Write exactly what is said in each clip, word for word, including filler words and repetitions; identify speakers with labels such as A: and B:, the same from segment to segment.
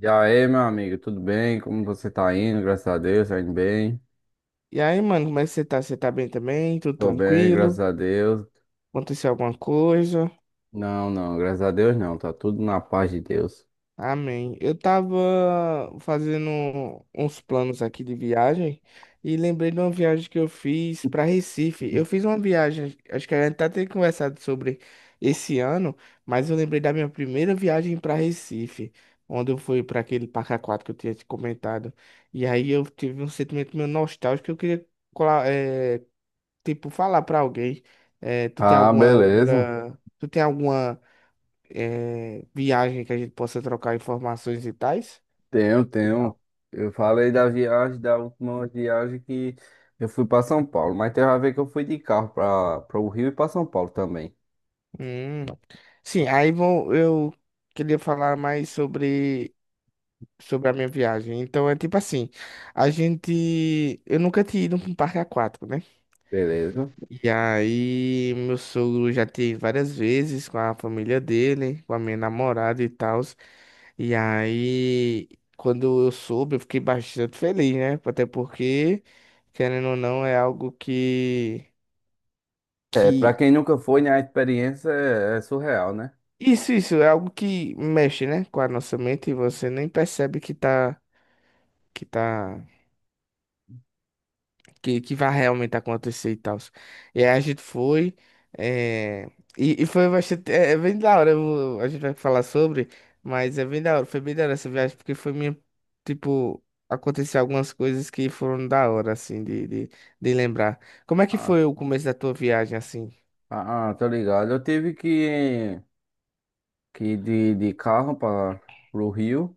A: E aí, meu amigo, tudo bem? Como você tá indo? Graças a Deus, tá indo bem?
B: E aí, mano, como é que você tá? Você tá bem também? Tudo
A: Tô bem, graças
B: tranquilo?
A: a Deus.
B: Aconteceu alguma coisa?
A: Não, não, graças a Deus não, tá tudo na paz de Deus.
B: Amém. Eu tava fazendo uns planos aqui de viagem e lembrei de uma viagem que eu fiz pra Recife. Eu fiz uma viagem, acho que a gente tá tem conversado sobre esse ano, mas eu lembrei da minha primeira viagem pra Recife, onde eu fui pra aquele Parque Aquático que eu tinha te comentado. E aí eu tive um sentimento meio nostálgico que eu queria. cola- eh, tipo, falar pra alguém. Eh, tu tem
A: Ah,
B: alguma
A: beleza.
B: outra. Tu tem alguma eh, viagem que a gente possa trocar informações e tais?
A: Tenho,
B: E tal?
A: tenho. Eu falei da viagem, da última viagem que eu fui pra São Paulo, mas tem a ver que eu fui de carro pra, pra o Rio e pra São Paulo também.
B: Hum. Sim, aí vou. Eu queria falar mais sobre, sobre a minha viagem. Então é tipo assim, a gente. Eu nunca tinha ido para um parque aquático, né?
A: Beleza.
B: E aí, meu sogro já teve várias vezes com a família dele, com a minha namorada e tal. E aí, quando eu soube, eu fiquei bastante feliz, né? Até porque, querendo ou não, é algo que,
A: É, pra
B: que...
A: quem nunca foi, né, a experiência é, é surreal, né?
B: Isso, isso, é algo que mexe, né? Com a nossa mente e você nem percebe que tá, que tá que, que vai realmente acontecer e tal. E aí a gente foi. eh, E, e foi bastante. É, é bem da hora. Eu vou- a gente vai falar sobre, mas é bem da hora. Foi bem da hora essa viagem, porque foi minha. Tipo, aconteceu algumas coisas que foram da hora, assim, de, de, de lembrar. Como é que
A: Ah,
B: foi o começo da tua viagem, assim?
A: ah, ah, tô ligado. Eu tive que. que de, de carro para o Rio.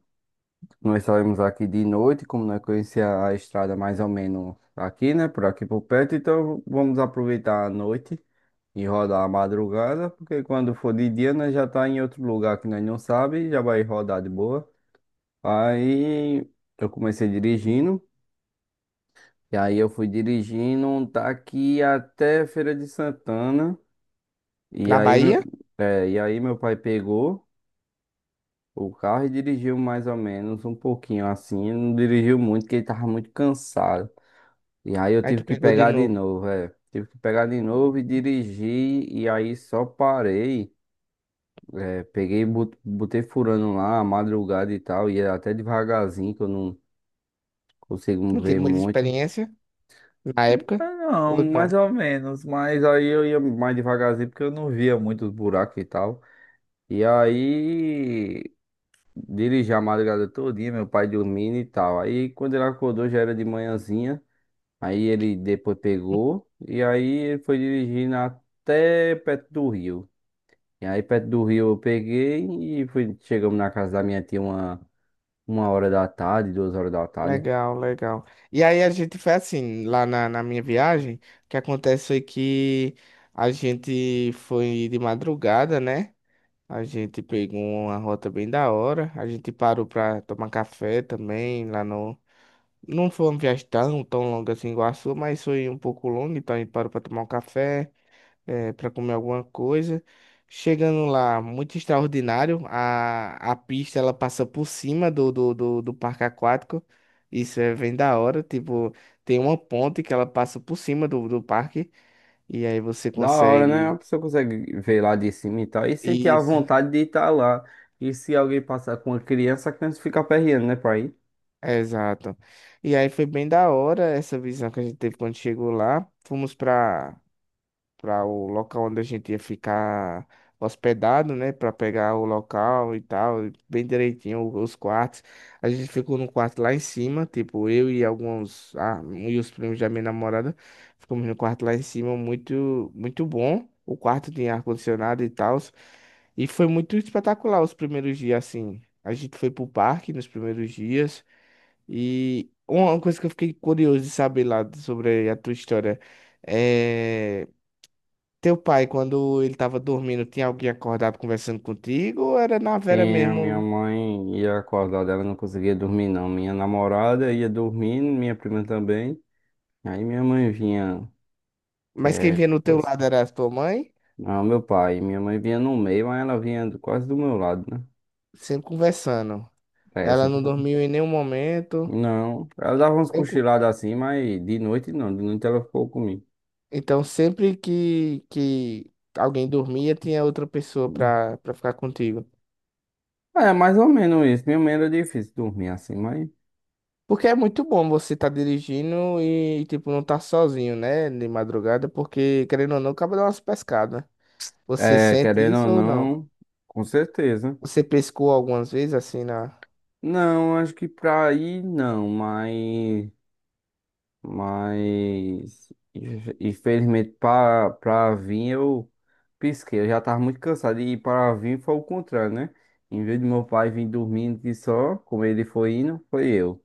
A: Nós saímos aqui de noite, como nós conhecia a estrada mais ou menos aqui, né? Por aqui por perto, então vamos aproveitar a noite e rodar a madrugada, porque quando for de dia nós já tá em outro lugar que nós não sabe, já vai rodar de boa. Aí eu comecei dirigindo, e aí eu fui dirigindo daqui até Feira de Santana, e
B: Na
A: aí meu,
B: Bahia?
A: é, e aí meu pai pegou o carro e dirigiu mais ou menos um pouquinho assim, não dirigiu muito, porque ele tava muito cansado. E aí eu
B: Aí tu
A: tive que
B: pegou de
A: pegar de
B: novo.
A: novo, é. Tive que pegar de novo e dirigir, e aí só parei. É, peguei, e bot- botei furando lá, a madrugada e tal, ia até devagarzinho, que eu não consigo
B: Não tinha
A: ver
B: muita
A: muito.
B: experiência na época?
A: Não,
B: Ou
A: mais
B: não?
A: ou menos, mas aí eu ia, mais devagarzinho, porque eu não via muito os buracos e tal. E aí, dirigi a madrugada todinha, meu pai dormindo e tal. Aí quando ele acordou já era de manhãzinha. Aí ele depois pegou e aí ele foi dirigindo até perto do rio. E aí perto do rio eu peguei e fui, chegamos na casa da minha tia uma, uma hora da tarde, duas horas da tarde.
B: Legal, legal. E aí a gente foi assim, lá na, na minha viagem, o que acontece foi que a gente foi de madrugada, né? A gente pegou uma rota bem da hora, a gente parou pra tomar café também lá no... Não foi uma viagem tão, tão longa assim igual a sua, mas foi um pouco longa, então a gente parou pra tomar um café é, para comer alguma coisa. Chegando lá, muito extraordinário. A, a pista ela passa por cima do, do, do, do parque aquático. Isso é bem da hora. Tipo, tem uma ponte que ela passa por cima do, do parque. E aí você
A: Da hora, né? A
B: consegue.
A: pessoa consegue ver lá de cima e tal. E sentir a
B: Isso,
A: vontade de estar lá. E se alguém passar com uma criança, a criança fica aperreando, né, pai?
B: exato. E aí foi bem da hora essa visão que a gente teve quando chegou lá. Fomos para para o local onde a gente ia ficar hospedado, né? Para pegar o local e tal, e bem direitinho o- os quartos. A gente ficou num quarto lá em cima, tipo eu e alguns, ah, e os primos da minha namorada, ficamos no quarto lá em cima, muito, muito bom. O quarto tinha ar-condicionado e tal. E foi muito espetacular os primeiros dias, assim. A gente foi pro parque nos primeiros dias. E uma coisa que eu fiquei curioso de saber lá sobre a tua história. eh, Teu pai, quando ele tava dormindo, tinha alguém acordado conversando contigo? Ou era na Vera
A: Sim, a minha
B: mesmo?
A: mãe ia acordar dela, não conseguia dormir não. Minha namorada ia dormindo, minha prima também. Aí minha mãe vinha,
B: Mas quem
A: é,
B: vinha no teu
A: coisa-
B: lado era a tua mãe?
A: não, meu pai, minha mãe vinha no meio, mas ela vinha do- quase do meu lado, né?
B: Sempre conversando.
A: É, essa,
B: Ela não
A: pô.
B: dormiu em nenhum momento.
A: não, ela dava uns
B: Nem co-
A: cochilados assim, mas de noite não, de noite ela ficou comigo.
B: Então, sempre que, que alguém dormia, tinha outra pessoa pra, pra ficar contigo.
A: É, mais ou menos isso, minha mãe era difícil dormir assim, mas,
B: Porque é muito bom você tá dirigindo e, tipo, não tá sozinho, né? De madrugada, porque, querendo ou não, acaba dando umas pescadas. Você
A: é,
B: sente
A: querendo
B: isso
A: ou
B: ou não?
A: não, com certeza.
B: Você pescou algumas vezes, assim, na...
A: Não, acho que pra ir não, mas... Mas inf- infelizmente para para vir eu pisquei. Eu já tava muito cansado e para vir foi o contrário, né? Em vez de meu pai vir dormindo de só, como ele foi indo, foi eu.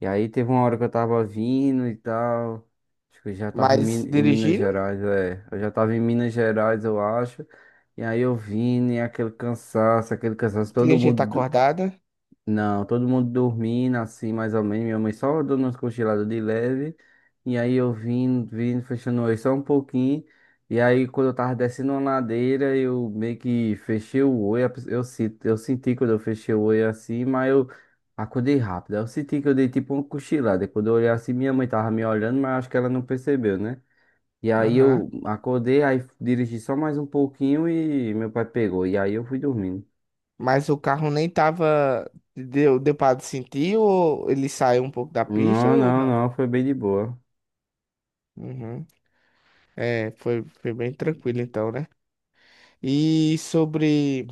A: E aí teve uma hora que eu tava vindo e tal. Acho que eu já tava em,
B: Mas
A: Min- em Minas
B: dirigir.
A: Gerais, é. Eu já tava em Minas Gerais, eu acho. E aí eu vim e aquele cansaço, aquele cansaço,
B: Tinha
A: todo
B: gente
A: mundo
B: acordada.
A: não, todo mundo dormindo, assim, mais ou menos. Minha mãe só dando umas cochiladas de leve. E aí eu vim, vim, fechando o olho só um pouquinho. E aí, quando eu tava descendo uma ladeira, eu meio que fechei o olho. A pe- Eu, se- eu senti quando eu fechei o olho assim, mas eu acordei rápido. Aí eu senti que eu dei tipo uma cochilada. Quando eu olhei assim, minha mãe tava me olhando, mas acho que ela não percebeu, né? E aí
B: Aham.
A: eu acordei, aí dirigi só mais um pouquinho e meu pai pegou. E aí eu fui dormindo.
B: Mas o carro nem tava. Deu, deu pra sentir ou ele saiu um pouco da pista
A: Não,
B: ou
A: não,
B: não?
A: não, foi bem de boa.
B: Uhum. É, foi, foi bem tranquilo então, né? E sobre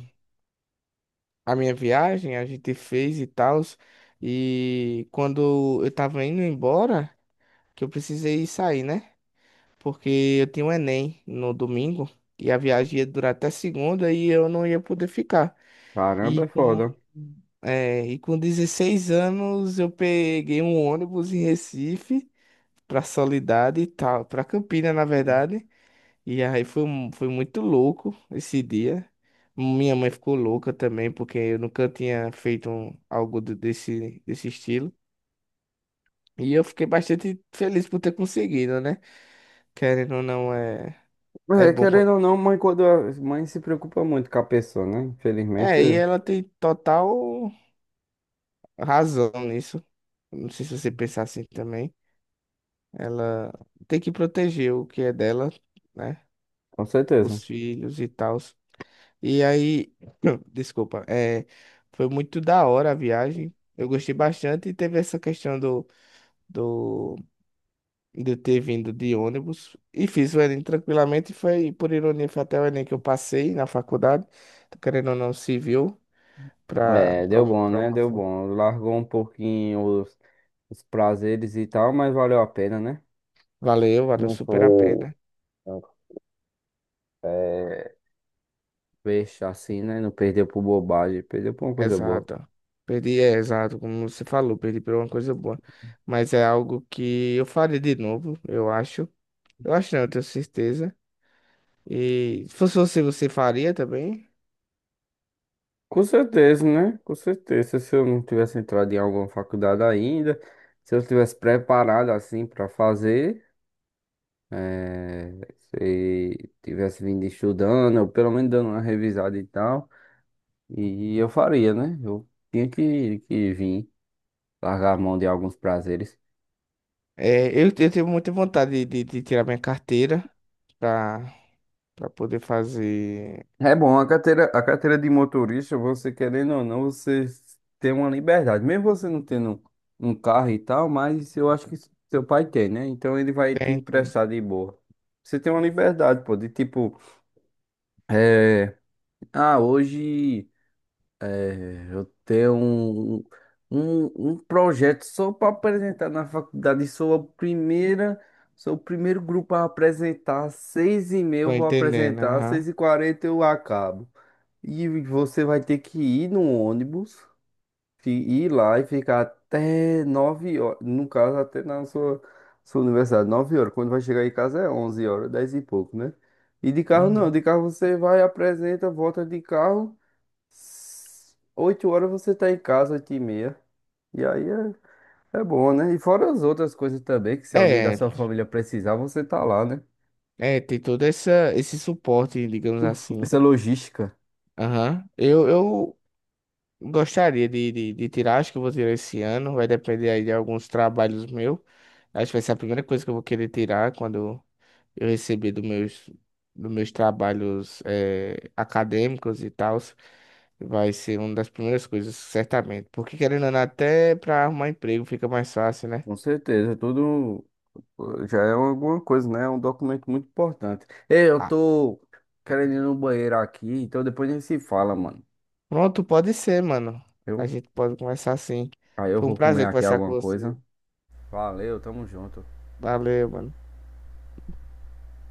B: a minha viagem, a gente fez e tal. E quando eu tava indo embora, que eu precisei sair, né? Porque eu tinha um Enem no domingo e a viagem ia durar até segunda e eu não ia poder ficar. E
A: Caramba, é
B: com,
A: foda.
B: é, e com dezesseis anos eu peguei um ônibus em Recife pra Soledade e tal, pra Campina, na verdade. E aí foi, mu- foi muito louco esse dia. Minha mãe ficou louca também, porque eu nunca tinha feito um- algo do- desse, desse estilo. E eu fiquei bastante feliz por ter conseguido, né? Querendo ou não, é, é
A: É,
B: bom
A: querendo
B: quando.
A: ou não, mãe, quando a mãe se preocupa muito com a pessoa, né? Infelizmente,
B: É, e ela tem total razão nisso. Não sei se você pensar assim também. Ela tem que proteger o que é dela, né?
A: com certeza.
B: Os filhos e tal. E aí, desculpa, é, foi muito da hora a viagem. Eu gostei bastante e teve essa questão do, do, de eu ter vindo de ônibus. E fiz o Enem tranquilamente. Foi, por ironia, foi até o Enem que eu passei na faculdade. Tô querendo ou não, civil. Para
A: É,
B: pra,
A: deu bom,
B: pra
A: né?
B: uma...
A: Deu bom. Largou um pouquinho os, os prazeres e tal, mas valeu a pena, né?
B: Valeu, valeu
A: Não
B: super a
A: foi.
B: pena.
A: Não, é, peixe assim, né? Não perdeu por bobagem, perdeu por uma coisa boa.
B: Exato. Perdi, é exato, como você falou, perdi por uma coisa boa. Mas é algo que eu faria de novo, eu acho. Eu acho, não, eu tenho certeza. E se fosse você, você faria também?
A: Com certeza, né? Com certeza. Se eu não tivesse entrado em alguma faculdade ainda, se eu tivesse preparado assim pra fazer. eh, se tivesse vindo estudando, ou pelo menos dando uma revisada e tal, e eu faria, né? Eu tinha que, que vir largar a mão de alguns prazeres.
B: É, eu, eu tenho muita vontade de, de de tirar minha carteira pra, pra poder fazer.
A: É bom, a carteira, a carteira de motorista, você querendo ou não, você tem uma liberdade. Mesmo você não tendo um carro e tal, mas eu acho que seu pai tem, né? Então ele vai te
B: Tem, tem.
A: emprestar de boa. Você tem uma liberdade, pô, de tipo, é, ah, hoje. É, eu tenho um, um, um projeto só para apresentar na faculdade. Sou a primeira, sou o primeiro grupo a apresentar. Às seis e meia
B: Tô
A: eu vou
B: entendendo,
A: apresentar, às
B: aham.
A: seis e quarenta eu acabo. E você vai ter que ir no ônibus, fi- ir lá e ficar até nove horas. No caso, até na sua, sua universidade, nove horas. Quando vai chegar em casa é onze horas, dez e pouco, né? E de carro não,
B: Uhum.
A: de carro você vai, apresenta, volta de carro. Oito horas você tá em casa, oito e meia. E aí é, é bom, né? E fora as outras coisas também, que se alguém da
B: É,
A: sua família precisar, você tá lá, né?
B: é, tem todo essa, esse suporte, digamos assim.
A: Essa logística,
B: Aham. Eu, eu gostaria de, de, de tirar, acho que eu vou tirar esse ano, vai depender aí de alguns trabalhos meus. Acho que vai ser a primeira coisa que eu vou querer tirar quando eu receber dos meus, dos meus trabalhos eh, acadêmicos e tal. Vai ser uma das primeiras coisas, certamente. Porque querendo ou não, até pra arrumar emprego fica mais fácil, né?
A: com certeza, tudo eh, já é alguma coisa, né? É um documento muito importante. Ei, eu
B: Ah,
A: tô querendo ir no banheiro aqui, então depois a gente se fala, mano.
B: pronto, pode ser, mano. A
A: Eu,
B: gente pode conversar assim.
A: aí eu
B: Foi um
A: vou comer
B: prazer
A: aqui
B: conversar com
A: alguma coisa.
B: você.
A: Valeu, tamo junto.
B: Valeu, mano.